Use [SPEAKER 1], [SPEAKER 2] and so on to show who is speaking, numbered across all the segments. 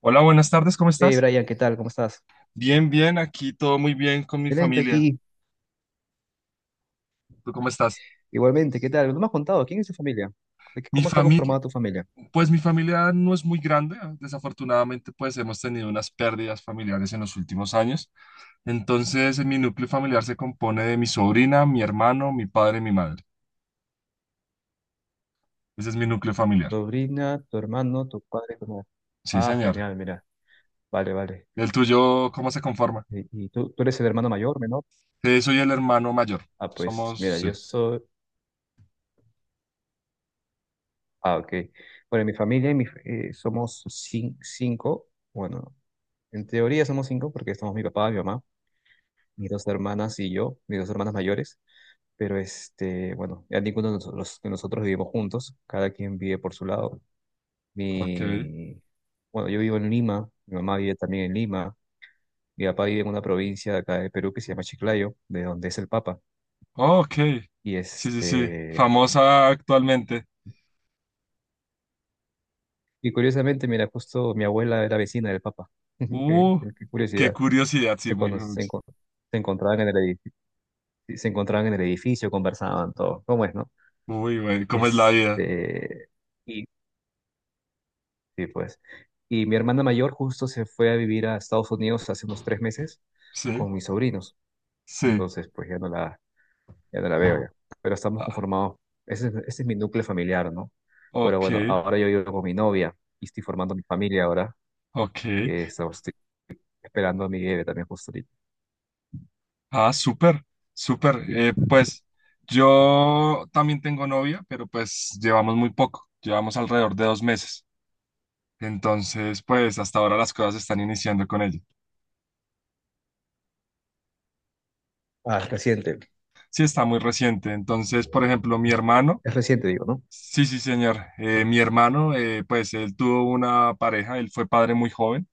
[SPEAKER 1] Hola, buenas tardes, ¿cómo
[SPEAKER 2] Hey
[SPEAKER 1] estás?
[SPEAKER 2] Brian, ¿qué tal? ¿Cómo estás?
[SPEAKER 1] Bien, bien, aquí todo muy bien con mi
[SPEAKER 2] Excelente
[SPEAKER 1] familia.
[SPEAKER 2] aquí.
[SPEAKER 1] ¿Tú cómo estás?
[SPEAKER 2] Igualmente, ¿qué tal? No me has contado, ¿quién es tu familia?
[SPEAKER 1] Mi
[SPEAKER 2] ¿Cómo está
[SPEAKER 1] familia,
[SPEAKER 2] conformada tu familia?
[SPEAKER 1] pues mi familia no es muy grande, ¿eh? Desafortunadamente pues hemos tenido unas pérdidas familiares en los últimos años. Entonces, en mi núcleo familiar se compone de mi sobrina, mi hermano, mi padre y mi madre. Ese es mi núcleo
[SPEAKER 2] ¿Tu
[SPEAKER 1] familiar.
[SPEAKER 2] sobrina, tu hermano, tu padre, tu madre?
[SPEAKER 1] Sí,
[SPEAKER 2] Ah,
[SPEAKER 1] señor.
[SPEAKER 2] genial, mira. Vale, vale.
[SPEAKER 1] ¿El tuyo cómo se conforma?
[SPEAKER 2] ¿Y tú eres el hermano mayor, menor?
[SPEAKER 1] Sí, soy el hermano mayor.
[SPEAKER 2] Ah, pues
[SPEAKER 1] Somos,
[SPEAKER 2] mira,
[SPEAKER 1] sí.
[SPEAKER 2] Ah, ok. Bueno, en mi familia en mi somos cinco. Bueno, en teoría somos cinco porque estamos mi papá, mi mamá, mis dos hermanas y yo, mis dos hermanas mayores. Pero este, bueno, ya ninguno de nosotros vivimos juntos, cada quien vive por su lado.
[SPEAKER 1] Ok.
[SPEAKER 2] Mi, bueno, yo vivo en Lima, mi mamá vive también en Lima, mi papá vive en una provincia de acá de Perú que se llama Chiclayo, de donde es el Papa.
[SPEAKER 1] Oh, ok.
[SPEAKER 2] Y
[SPEAKER 1] Sí, sí, sí. Famosa actualmente.
[SPEAKER 2] curiosamente, mira, justo mi abuela era vecina del Papa. Qué,
[SPEAKER 1] Uh,
[SPEAKER 2] qué
[SPEAKER 1] qué
[SPEAKER 2] curiosidad.
[SPEAKER 1] curiosidad, sí,
[SPEAKER 2] Que
[SPEAKER 1] muy,
[SPEAKER 2] cuando
[SPEAKER 1] muy,
[SPEAKER 2] se, encon- se encontraban en el edificio, se encontraban en el edificio, conversaban todo. ¿Cómo es, no?
[SPEAKER 1] muy bueno. ¿Cómo es la vida?
[SPEAKER 2] Este, y sí, pues. Y mi hermana mayor justo se fue a vivir a Estados Unidos hace unos 3 meses
[SPEAKER 1] Sí,
[SPEAKER 2] con mis sobrinos.
[SPEAKER 1] sí.
[SPEAKER 2] Entonces, pues ya no la veo ya. Pero estamos
[SPEAKER 1] Ah,
[SPEAKER 2] conformados. Ese es mi núcleo familiar, ¿no? Pero
[SPEAKER 1] ok,
[SPEAKER 2] bueno, ahora yo vivo con mi novia y estoy formando mi familia ahora.
[SPEAKER 1] ok.
[SPEAKER 2] Estoy esperando a mi bebé también justo ahorita.
[SPEAKER 1] Ah, súper, súper.
[SPEAKER 2] Y-
[SPEAKER 1] Pues yo también tengo novia, pero pues llevamos muy poco. Llevamos alrededor de 2 meses. Entonces, pues hasta ahora las cosas están iniciando con ella.
[SPEAKER 2] Ah, reciente.
[SPEAKER 1] Sí, está muy reciente. Entonces, por ejemplo, mi hermano,
[SPEAKER 2] Es reciente, digo, ¿no?
[SPEAKER 1] sí, sí, señor. Mi hermano, pues él tuvo una pareja, él fue padre muy joven.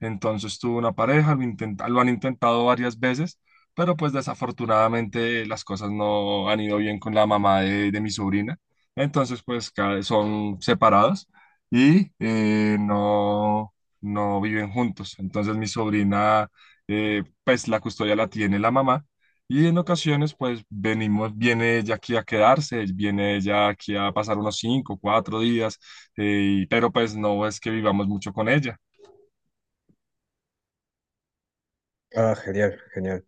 [SPEAKER 1] Entonces tuvo una pareja, lo han intentado varias veces, pero pues desafortunadamente las cosas no han ido bien con la mamá de mi sobrina. Entonces pues son separados y no, no viven juntos. Entonces mi sobrina pues la custodia la tiene la mamá y en ocasiones pues viene ella aquí a quedarse, viene ella aquí a pasar unos cinco, 4 días, pero pues no es que vivamos mucho con ella.
[SPEAKER 2] Ah, genial, genial.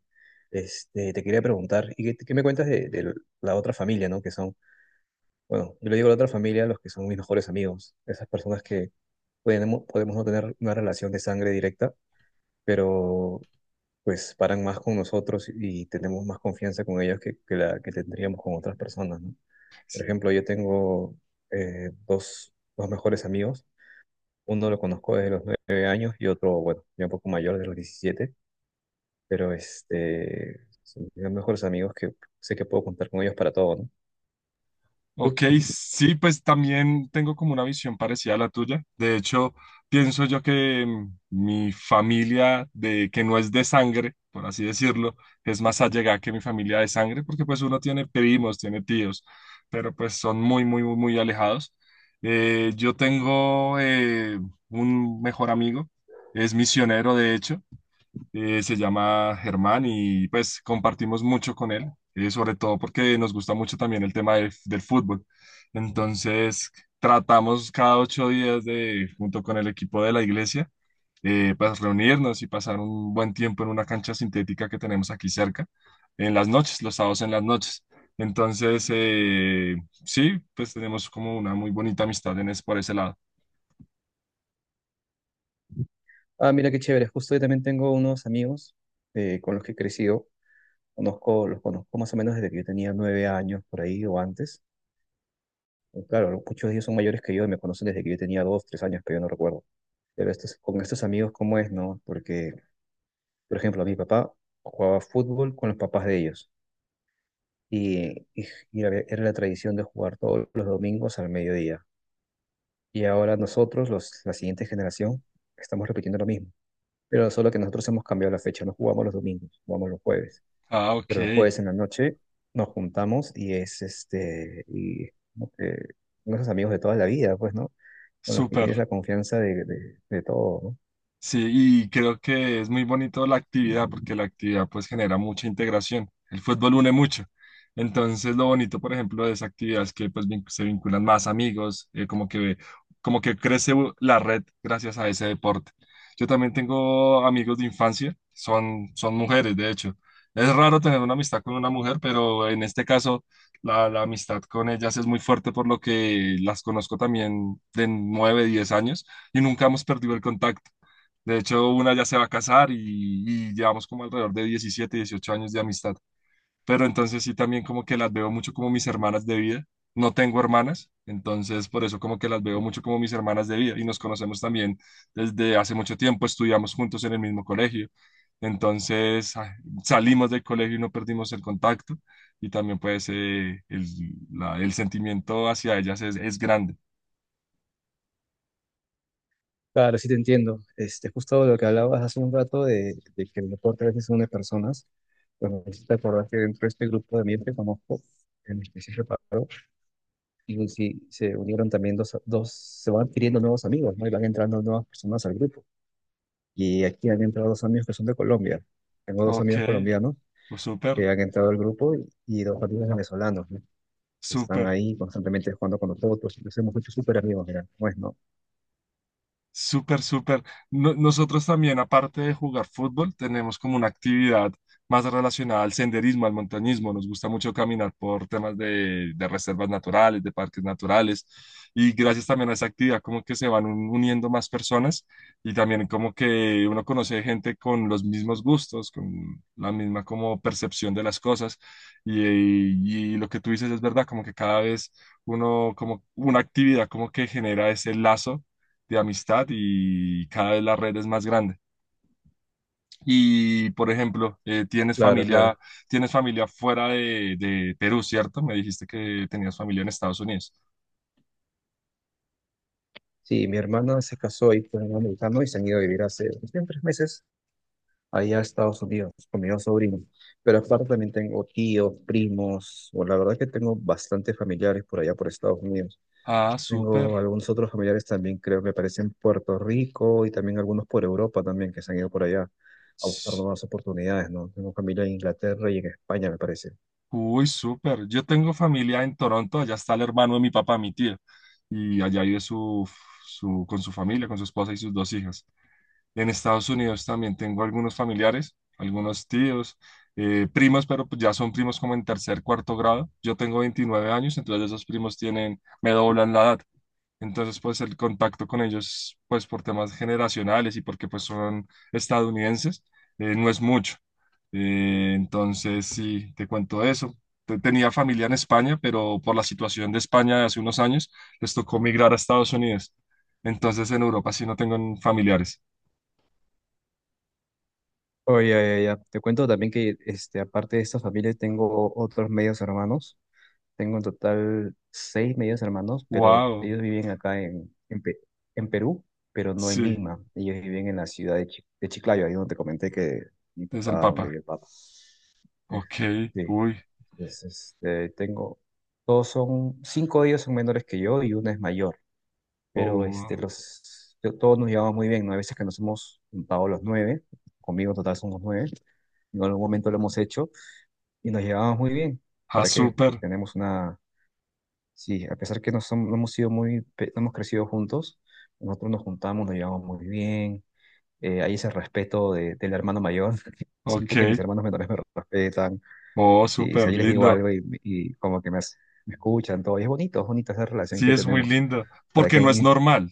[SPEAKER 2] Te quería preguntar, ¿y qué me cuentas de, la otra familia, ¿no? Que son, bueno, yo le digo a la otra familia, los que son mis mejores amigos, esas personas que podemos no tener una relación de sangre directa, pero pues paran más con nosotros y tenemos más confianza con ellos que la que tendríamos con otras personas, ¿no? Por ejemplo, yo tengo dos mejores amigos. Uno lo conozco desde los 9 años y otro, bueno, ya un poco mayor, de los 17, pero son mis mejores amigos que sé que puedo contar con ellos para todo, ¿no? Tú.
[SPEAKER 1] Ok, sí, pues también tengo como una visión parecida a la tuya. De hecho, pienso yo que mi familia de que no es de sangre, por así decirlo, es más allegada que mi familia de sangre, porque pues uno tiene primos, tiene tíos, pero pues son muy, muy, muy, muy alejados. Yo tengo un mejor amigo, es misionero de hecho, se llama Germán y pues compartimos mucho con él, sobre todo porque nos gusta mucho también el tema del fútbol. Entonces, tratamos cada 8 días de, junto con el equipo de la iglesia, pues reunirnos y pasar un buen tiempo en una cancha sintética que tenemos aquí cerca, en las noches, los sábados en las noches. Entonces, sí, pues tenemos como una muy bonita amistad por ese lado.
[SPEAKER 2] Ah, mira qué chévere. Justo yo también tengo unos amigos con los que he crecido. Los conozco más o menos desde que yo tenía 9 años por ahí o antes. Pues claro, ¿no? Muchos de ellos son mayores que yo y me conocen desde que yo tenía dos, tres años, que yo no recuerdo. Pero con estos amigos, ¿cómo es, no? Porque, por ejemplo, mi papá jugaba fútbol con los papás de ellos. Y era la tradición de jugar todos los domingos al mediodía. Y ahora nosotros, la siguiente generación, estamos repitiendo lo mismo. Pero solo que nosotros hemos cambiado la fecha, no jugamos los domingos, jugamos los jueves.
[SPEAKER 1] Ah, ok,
[SPEAKER 2] Pero los jueves en la noche nos juntamos y como que con esos amigos de toda la vida, pues, ¿no? Con los que
[SPEAKER 1] súper.
[SPEAKER 2] tienes la confianza de, todo, ¿no?
[SPEAKER 1] Sí, y creo que es muy bonito la actividad porque la actividad pues genera mucha integración. El fútbol une mucho. Entonces, lo bonito, por ejemplo, de esa actividad es que pues se vinculan más amigos, como que crece la red gracias a ese deporte. Yo también tengo amigos de infancia, son mujeres, de hecho. Es raro tener una amistad con una mujer, pero en este caso la amistad con ellas es muy fuerte por lo que las conozco también de 9 10 años y nunca hemos perdido el contacto. De hecho, una ya se va a casar y llevamos como alrededor de 17 18 años de amistad. Pero entonces sí también como que las veo mucho como mis hermanas de vida. No tengo hermanas, entonces por eso como que las veo mucho como mis hermanas de vida y nos conocemos también desde hace mucho tiempo, estudiamos juntos en el mismo colegio. Entonces ah, Salimos del colegio y no perdimos el contacto y también pues el sentimiento hacia ellas es grande.
[SPEAKER 2] Claro, sí te entiendo. Justo lo que hablabas hace un rato de que el deporte a veces une personas, pues me hiciste acordar que dentro de este grupo de amigos que conozco, en el que sí reparo, y sí, se unieron también se van adquiriendo nuevos amigos, ¿no? Y van entrando nuevas personas al grupo. Y aquí han entrado dos amigos que son de Colombia. Tengo dos
[SPEAKER 1] Ok,
[SPEAKER 2] amigos colombianos
[SPEAKER 1] pues
[SPEAKER 2] que
[SPEAKER 1] súper,
[SPEAKER 2] han entrado al grupo y dos amigos venezolanos, ¿no? Que están
[SPEAKER 1] súper.
[SPEAKER 2] ahí constantemente jugando con nosotros, nos hemos hecho súper amigos, mira, ¿cómo es, no?
[SPEAKER 1] Súper, súper. Nosotros también, aparte de jugar fútbol, tenemos como una actividad más relacionada al senderismo, al montañismo. Nos gusta mucho caminar por temas de, reservas naturales, de parques naturales. Y gracias también a esa actividad, como que se van uniendo más personas y también como que uno conoce gente con los mismos gustos, con la misma como percepción de las cosas. Y lo que tú dices es verdad, como que cada vez uno, como una actividad como que genera ese lazo de amistad y cada vez la red es más grande. Y, por ejemplo, tienes
[SPEAKER 2] Claro,
[SPEAKER 1] familia,
[SPEAKER 2] claro.
[SPEAKER 1] fuera de Perú, ¿cierto? Me dijiste que tenías familia en Estados Unidos.
[SPEAKER 2] Sí, mi hermana se casó ahí con un americano y se han ido a vivir hace recién 3 meses allá a Estados Unidos con mis dos sobrinos. Pero aparte también tengo tíos, primos, o la verdad que tengo bastantes familiares por allá por Estados Unidos.
[SPEAKER 1] Ah, súper.
[SPEAKER 2] Tengo algunos otros familiares también, creo que aparecen en Puerto Rico y también algunos por Europa también que se han ido por allá a buscar
[SPEAKER 1] S-
[SPEAKER 2] nuevas oportunidades, ¿no? Tengo familia en Inglaterra y en España, me parece.
[SPEAKER 1] Uy, súper. Yo tengo familia en Toronto, allá está el hermano de mi papá, mi tío, y allá vive con su familia, con su esposa y sus dos hijas. En Estados Unidos también tengo algunos familiares, algunos tíos, primos, pero pues ya son primos como en tercer, cuarto grado. Yo tengo 29 años, entonces esos primos tienen, me doblan la edad. Entonces, pues el contacto con ellos, pues por temas generacionales y porque pues son estadounidenses, no es mucho. Entonces, sí, te cuento eso. Tenía familia en España, pero por la situación de España de hace unos años, les tocó migrar a Estados Unidos. Entonces, en Europa sí no tengo familiares.
[SPEAKER 2] Oye, ya, ya, ya. Te cuento también que aparte de esta familia, tengo otros medios hermanos. Tengo en total seis medios hermanos, pero
[SPEAKER 1] Wow,
[SPEAKER 2] ellos viven acá en Perú, pero no en
[SPEAKER 1] sí,
[SPEAKER 2] Lima. Ellos viven en la ciudad de Chiclayo, ahí donde te comenté que mi
[SPEAKER 1] es el
[SPEAKER 2] papá, donde
[SPEAKER 1] Papa.
[SPEAKER 2] vive el papá.
[SPEAKER 1] Ok,
[SPEAKER 2] Sí,
[SPEAKER 1] uy,
[SPEAKER 2] entonces tengo, cinco de ellos son menores que yo y una es mayor, pero
[SPEAKER 1] oh,
[SPEAKER 2] todos nos llevamos muy bien, ¿no? Hay veces que nos hemos juntado los nueve, conmigo en total somos nueve, en algún momento lo hemos hecho y nos llevamos muy bien.
[SPEAKER 1] ah,
[SPEAKER 2] ¿Para qué?
[SPEAKER 1] súper,
[SPEAKER 2] Tenemos una... Sí, a pesar que no, no hemos sido no hemos crecido juntos, nosotros nos juntamos, nos llevamos muy bien, hay ese respeto del hermano mayor.
[SPEAKER 1] ok,
[SPEAKER 2] Siento que mis hermanos menores me respetan,
[SPEAKER 1] oh,
[SPEAKER 2] sí, si,
[SPEAKER 1] súper
[SPEAKER 2] yo les digo
[SPEAKER 1] lindo.
[SPEAKER 2] algo y como que me escuchan, todo, y es bonito, es bonita esa relación
[SPEAKER 1] Sí,
[SPEAKER 2] que
[SPEAKER 1] es muy
[SPEAKER 2] tenemos,
[SPEAKER 1] lindo,
[SPEAKER 2] para
[SPEAKER 1] porque
[SPEAKER 2] que,
[SPEAKER 1] no es
[SPEAKER 2] y
[SPEAKER 1] normal.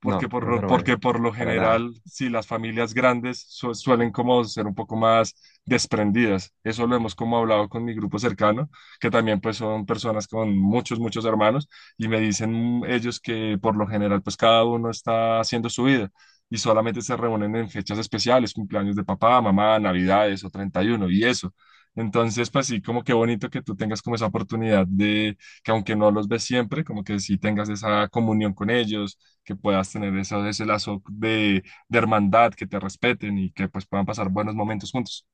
[SPEAKER 1] porque
[SPEAKER 2] no,
[SPEAKER 1] por
[SPEAKER 2] no es
[SPEAKER 1] lo,
[SPEAKER 2] normal,
[SPEAKER 1] porque por lo
[SPEAKER 2] para nada,
[SPEAKER 1] general, si las familias grandes suelen como ser un poco más desprendidas. Eso lo hemos como hablado con mi grupo cercano, que también pues son personas con muchos, muchos hermanos, y me dicen ellos que por lo general pues cada uno está haciendo su vida y solamente se reúnen en fechas especiales, cumpleaños de papá, mamá, navidades o 31 y uno y eso. Entonces, pues sí, como qué bonito que tú tengas como esa oportunidad de que aunque no los ves siempre, como que sí tengas esa comunión con ellos, que puedas tener eso, ese lazo de, hermandad, que te respeten y que pues puedan pasar buenos momentos juntos.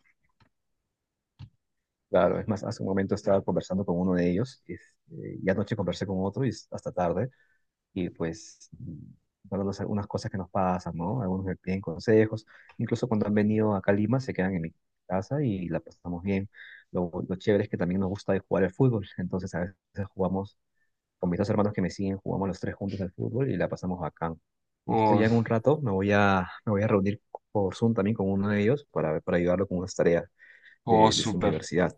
[SPEAKER 2] claro, es más, hace un momento estaba conversando con uno de ellos, y anoche conversé con otro y es hasta tarde, y pues nosotros algunas cosas que nos pasan, ¿no? Algunos me piden consejos, incluso cuando han venido acá a Lima se quedan en mi casa y la pasamos bien. Lo chévere es que también nos gusta jugar al fútbol. Entonces a veces jugamos con mis dos hermanos que me siguen, jugamos los tres juntos al fútbol y la pasamos bacán. Justo
[SPEAKER 1] Oh,
[SPEAKER 2] ya en un rato me voy a reunir por Zoom también con uno de ellos para, ayudarlo con unas tareas
[SPEAKER 1] oh,
[SPEAKER 2] de su
[SPEAKER 1] súper,
[SPEAKER 2] universidad.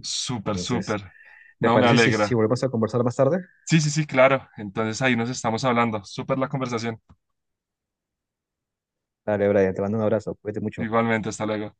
[SPEAKER 1] súper,
[SPEAKER 2] Entonces,
[SPEAKER 1] súper.
[SPEAKER 2] ¿te
[SPEAKER 1] No me
[SPEAKER 2] parece si
[SPEAKER 1] alegra.
[SPEAKER 2] volvemos a conversar más tarde?
[SPEAKER 1] Sí, sí, sí, claro. Entonces ahí nos estamos hablando. Súper la conversación.
[SPEAKER 2] Dale, Brian, te mando un abrazo, cuídate mucho.
[SPEAKER 1] Igualmente, hasta luego.